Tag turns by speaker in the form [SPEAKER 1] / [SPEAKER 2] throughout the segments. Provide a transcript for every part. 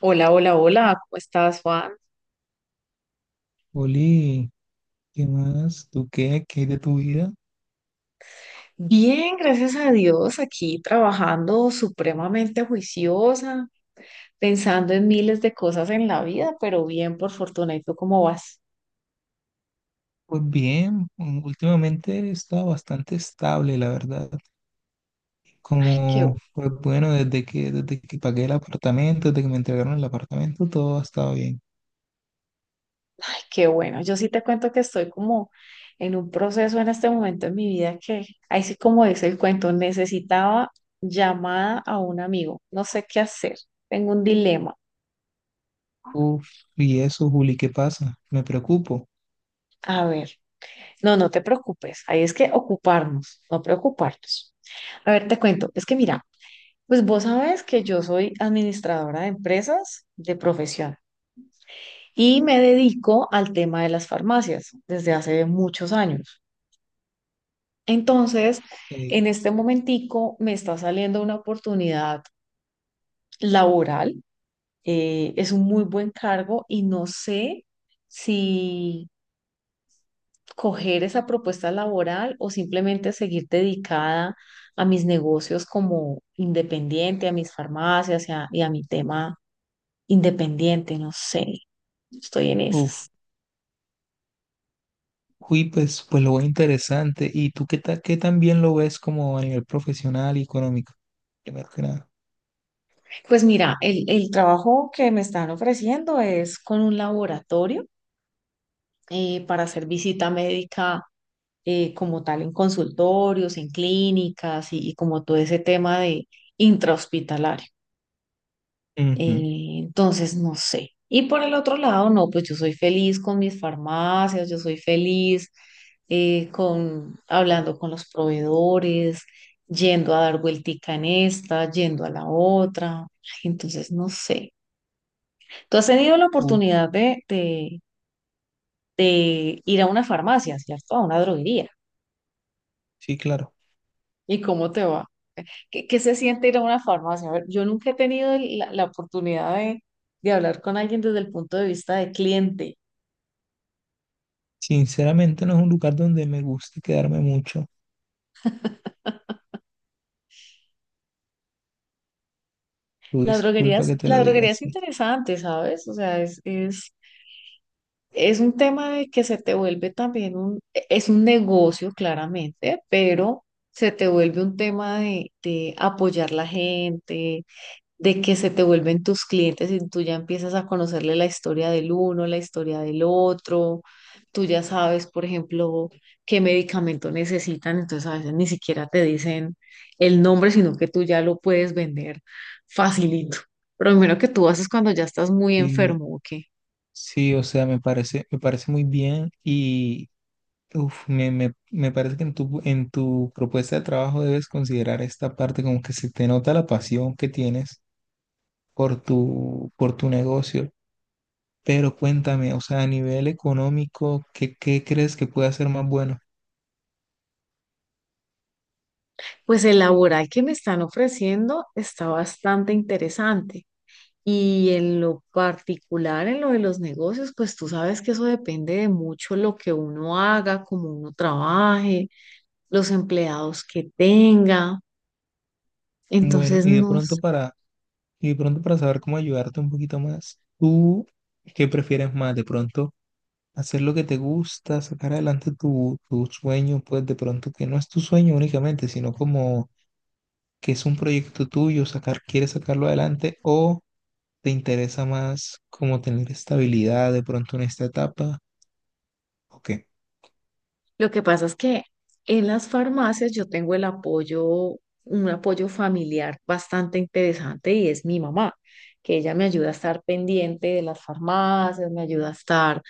[SPEAKER 1] Hola, hola, hola, ¿cómo estás, Juan?
[SPEAKER 2] Oli, ¿qué más? ¿Tú qué? ¿Qué hay de tu vida?
[SPEAKER 1] Bien, gracias a Dios, aquí trabajando supremamente juiciosa, pensando en miles de cosas en la vida, pero bien, por fortuna. ¿Y tú cómo vas?
[SPEAKER 2] Pues bien, últimamente he estado bastante estable, la verdad.
[SPEAKER 1] Ay, qué,
[SPEAKER 2] Como, pues bueno, desde que pagué el apartamento, desde que me entregaron el apartamento, todo ha estado bien.
[SPEAKER 1] ay, qué bueno. Yo sí te cuento que estoy como en un proceso en este momento en mi vida que, ahí sí como dice el cuento, necesitaba llamada a un amigo. No sé qué hacer. Tengo un dilema.
[SPEAKER 2] Uf, y eso, Juli, ¿qué pasa? Me preocupo.
[SPEAKER 1] A ver, no te preocupes. Ahí es que ocuparnos, no preocuparnos. A ver, te cuento. Es que mira. Pues vos sabés que yo soy administradora de empresas de profesión y me dedico al tema de las farmacias desde hace muchos años. Entonces,
[SPEAKER 2] Eh,
[SPEAKER 1] en este momentico me está saliendo una oportunidad laboral. Es un muy buen cargo y no sé si coger esa propuesta laboral o simplemente seguir dedicada a mis negocios como independiente, a mis farmacias y a mi tema independiente, no sé. Estoy en
[SPEAKER 2] uf,
[SPEAKER 1] esas.
[SPEAKER 2] pues, pues lo veo interesante. ¿Y tú qué, qué también lo ves como a nivel profesional y económico? Primero que nada.
[SPEAKER 1] Pues mira, el trabajo que me están ofreciendo es con un laboratorio, para hacer visita médica, como tal en consultorios, en clínicas y como todo ese tema de intrahospitalario.
[SPEAKER 2] Ujú.
[SPEAKER 1] Entonces, no sé. Y por el otro lado, no, pues yo soy feliz con mis farmacias, yo soy feliz, con hablando con los proveedores, yendo a dar vueltica en esta, yendo a la otra. Ay, entonces, no sé. Tú has tenido la
[SPEAKER 2] Uf,
[SPEAKER 1] oportunidad de ir a una farmacia, ¿cierto? A una droguería.
[SPEAKER 2] sí, claro.
[SPEAKER 1] ¿Y cómo te va? ¿Qué, qué se siente ir a una farmacia? A ver, yo nunca he tenido la oportunidad de hablar con alguien desde el punto de vista de cliente.
[SPEAKER 2] Sinceramente no es un lugar donde me gusta quedarme mucho. Tu disculpa que te
[SPEAKER 1] La
[SPEAKER 2] lo diga
[SPEAKER 1] droguería es
[SPEAKER 2] así.
[SPEAKER 1] interesante, ¿sabes? O sea, es un tema de que se te vuelve también un, es un negocio claramente, pero se te vuelve un tema de apoyar la gente, de que se te vuelven tus clientes y tú ya empiezas a conocerle la historia del uno, la historia del otro, tú ya sabes, por ejemplo, qué medicamento necesitan, entonces a veces ni siquiera te dicen el nombre, sino que tú ya lo puedes vender facilito. Pero lo primero que tú haces cuando ya estás muy
[SPEAKER 2] Sí,
[SPEAKER 1] enfermo, ¿o qué?
[SPEAKER 2] sí, o sea, me parece muy bien y me parece que en en tu propuesta de trabajo debes considerar esta parte, como que se te nota la pasión que tienes por por tu negocio. Pero cuéntame, o sea, a nivel económico, ¿ qué crees que puede ser más bueno?
[SPEAKER 1] Pues el laboral que me están ofreciendo está bastante interesante. Y en lo particular, en lo de los negocios, pues tú sabes que eso depende de mucho lo que uno haga, cómo uno trabaje, los empleados que tenga.
[SPEAKER 2] Bueno,
[SPEAKER 1] Entonces,
[SPEAKER 2] y de
[SPEAKER 1] no.
[SPEAKER 2] pronto para Y de pronto para saber cómo ayudarte un poquito más, ¿tú qué prefieres más? De pronto hacer lo que te gusta, sacar adelante tu sueño, pues de pronto que no es tu sueño únicamente, sino como que es un proyecto tuyo, quieres sacarlo adelante, o te interesa más como tener estabilidad de pronto en esta etapa, ¿o qué?
[SPEAKER 1] Lo que pasa es que en las farmacias yo tengo el apoyo, un apoyo familiar bastante interesante y es mi mamá, que ella me ayuda a estar pendiente de las farmacias, me ayuda a estar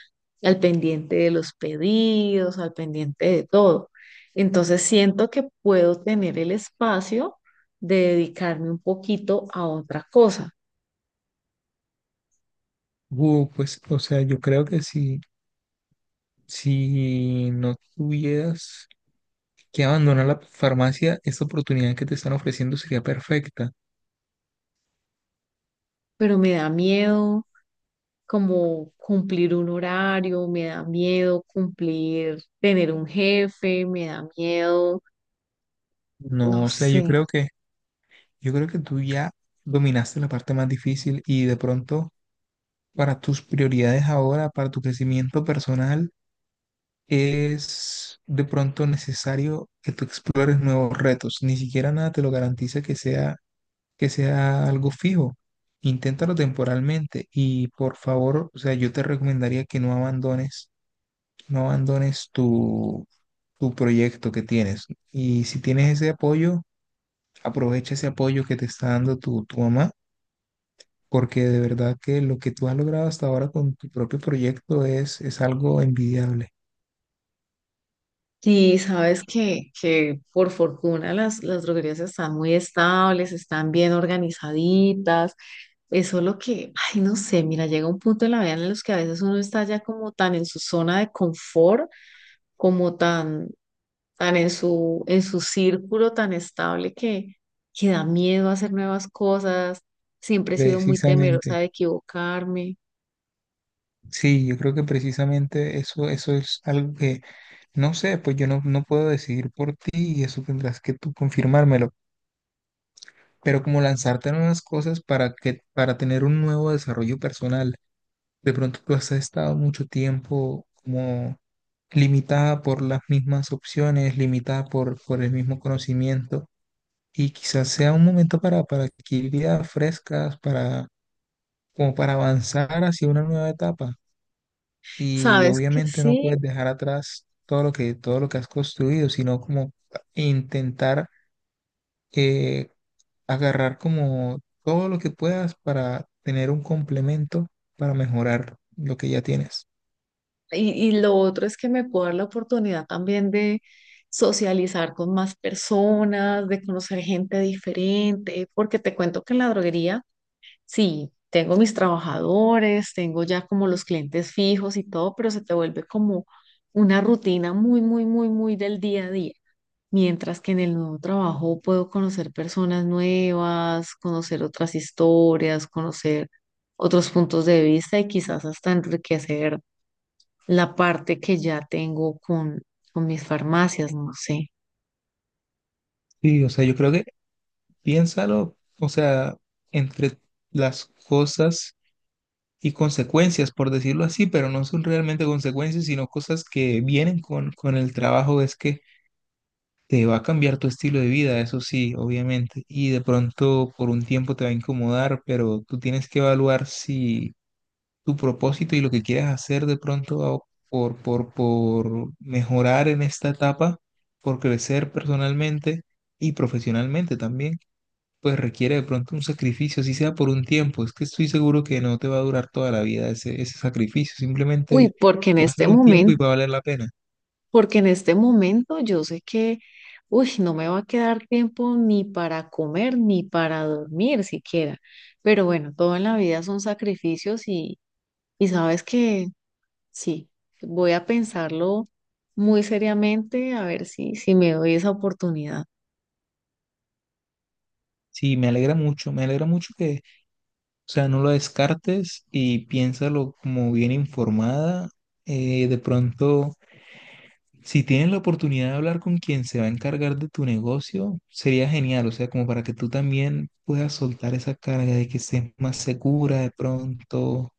[SPEAKER 1] al pendiente de los pedidos, al pendiente de todo. Entonces siento que puedo tener el espacio de dedicarme un poquito a otra cosa,
[SPEAKER 2] Pues, o sea, yo creo que si, si no tuvieras que abandonar la farmacia, esta oportunidad que te están ofreciendo sería perfecta.
[SPEAKER 1] pero me da miedo como cumplir un horario, me da miedo cumplir, tener un jefe, me da miedo, no
[SPEAKER 2] No, o sea,
[SPEAKER 1] sé.
[SPEAKER 2] yo creo que tú ya dominaste la parte más difícil, y de pronto para tus prioridades ahora, para tu crecimiento personal, es de pronto necesario que tú explores nuevos retos. Ni siquiera nada te lo garantiza que sea algo fijo. Inténtalo temporalmente y, por favor, o sea, yo te recomendaría que no abandones tu proyecto que tienes. Y si tienes ese apoyo, aprovecha ese apoyo que te está dando tu mamá, porque de verdad que lo que tú has logrado hasta ahora con tu propio proyecto es algo envidiable.
[SPEAKER 1] Y sabes que por fortuna las droguerías están muy estables, están bien organizaditas. Eso es lo que, ay, no sé, mira, llega un punto en la vida en los que a veces uno está ya como tan en su zona de confort, como tan tan en su círculo tan estable que da miedo hacer nuevas cosas. Siempre he sido muy temerosa
[SPEAKER 2] Precisamente,
[SPEAKER 1] de equivocarme.
[SPEAKER 2] sí, yo creo que precisamente eso, eso es algo que, no sé, pues yo no, no puedo decidir por ti, y eso tendrás que tú confirmármelo, pero como lanzarte en unas cosas para que, para tener un nuevo desarrollo personal. De pronto tú has estado mucho tiempo como limitada por las mismas opciones, limitada por el mismo conocimiento, y quizás sea un momento para adquirir ideas frescas, para, como para avanzar hacia una nueva etapa. Y
[SPEAKER 1] Sabes que
[SPEAKER 2] obviamente no
[SPEAKER 1] sí.
[SPEAKER 2] puedes dejar atrás todo todo lo que has construido, sino como intentar eh, agarrar como todo lo que puedas para tener un complemento para mejorar lo que ya tienes.
[SPEAKER 1] Y lo otro es que me puedo dar la oportunidad también de socializar con más personas, de conocer gente diferente, porque te cuento que en la droguería, sí, tengo mis trabajadores, tengo ya como los clientes fijos y todo, pero se te vuelve como una rutina muy, muy, muy, muy del día a día. Mientras que en el nuevo trabajo puedo conocer personas nuevas, conocer otras historias, conocer otros puntos de vista y quizás hasta enriquecer la parte que ya tengo con mis farmacias, no sé.
[SPEAKER 2] Sí, o sea, yo creo que piénsalo. O sea, entre las cosas y consecuencias, por decirlo así, pero no son realmente consecuencias, sino cosas que vienen con el trabajo, es que te va a cambiar tu estilo de vida, eso sí, obviamente, y de pronto por un tiempo te va a incomodar, pero tú tienes que evaluar si tu propósito y lo que quieres hacer de pronto por, por mejorar en esta etapa, por crecer personalmente y profesionalmente también, pues requiere de pronto un sacrificio, si sea por un tiempo. Es que estoy seguro que no te va a durar toda la vida ese sacrificio,
[SPEAKER 1] Uy,
[SPEAKER 2] simplemente
[SPEAKER 1] porque en
[SPEAKER 2] va a ser
[SPEAKER 1] este
[SPEAKER 2] un tiempo y
[SPEAKER 1] momento,
[SPEAKER 2] va a valer la pena.
[SPEAKER 1] porque en este momento yo sé que, uy, no me va a quedar tiempo ni para comer ni para dormir siquiera. Pero bueno, todo en la vida son sacrificios y sabes que sí, voy a pensarlo muy seriamente a ver si, si me doy esa oportunidad.
[SPEAKER 2] Sí, me alegra mucho que, o sea, no lo descartes y piénsalo como bien informada. De pronto, si tienes la oportunidad de hablar con quien se va a encargar de tu negocio, sería genial, o sea, como para que tú también puedas soltar esa carga, de que estés más segura de pronto,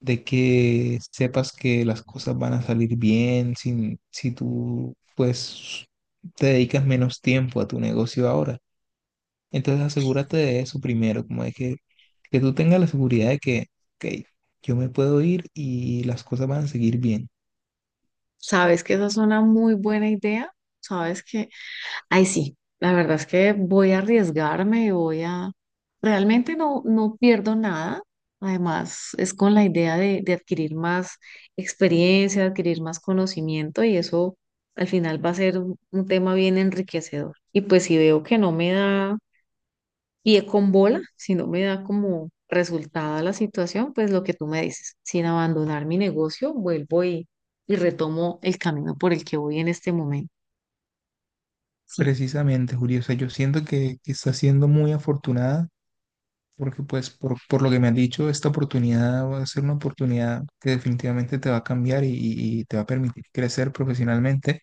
[SPEAKER 2] de que sepas que las cosas van a salir bien sin, si tú pues te dedicas menos tiempo a tu negocio ahora. Entonces asegúrate de eso primero, como de que tú tengas la seguridad de que, ok, yo me puedo ir y las cosas van a seguir bien.
[SPEAKER 1] Sabes que esa es una muy buena idea. Sabes que, ay, sí, la verdad es que voy a arriesgarme, voy a, realmente no pierdo nada. Además, es con la idea de adquirir más experiencia, adquirir más conocimiento y eso al final va a ser un tema bien enriquecedor. Y pues si veo que no me da. Y es con bola, si no me da como resultado la situación, pues lo que tú me dices, sin abandonar mi negocio, vuelvo y retomo el camino por el que voy en este momento. Sí.
[SPEAKER 2] Precisamente, Julio, o sea, yo siento que estás siendo muy afortunada, porque pues por lo que me has dicho, esta oportunidad va a ser una oportunidad que definitivamente te va a cambiar, y te va a permitir crecer profesionalmente.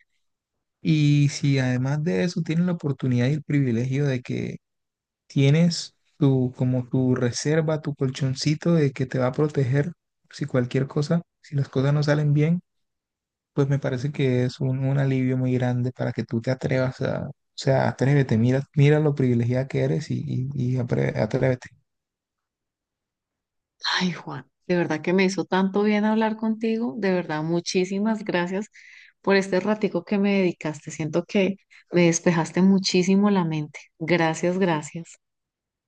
[SPEAKER 2] Y si además de eso tienes la oportunidad y el privilegio de que tienes tu, como tu reserva, tu colchoncito, de que te va a proteger si cualquier cosa, si las cosas no salen bien, pues me parece que es un alivio muy grande para que tú te atrevas a, o sea, atrévete, mira, mira lo privilegiada que eres, y atrévete.
[SPEAKER 1] Ay, Juan, de verdad que me hizo tanto bien hablar contigo, de verdad, muchísimas gracias por este ratico que me dedicaste. Siento que me despejaste muchísimo la mente. Gracias, gracias.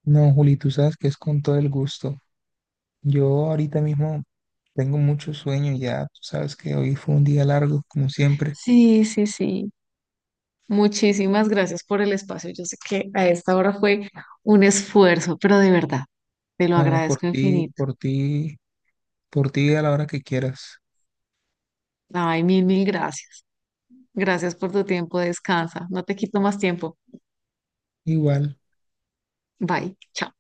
[SPEAKER 2] No, Juli, tú sabes que es con todo el gusto. Yo ahorita mismo tengo mucho sueño ya, tú sabes que hoy fue un día largo, como siempre.
[SPEAKER 1] Sí, sí, sí. Muchísimas gracias por el espacio. Yo sé que a esta hora fue un esfuerzo, pero de verdad, te lo
[SPEAKER 2] No,
[SPEAKER 1] agradezco infinito.
[SPEAKER 2] por ti a la hora que quieras.
[SPEAKER 1] Ay, mil, mil gracias. Gracias por tu tiempo. Descansa. No te quito más tiempo.
[SPEAKER 2] Igual.
[SPEAKER 1] Bye. Chao.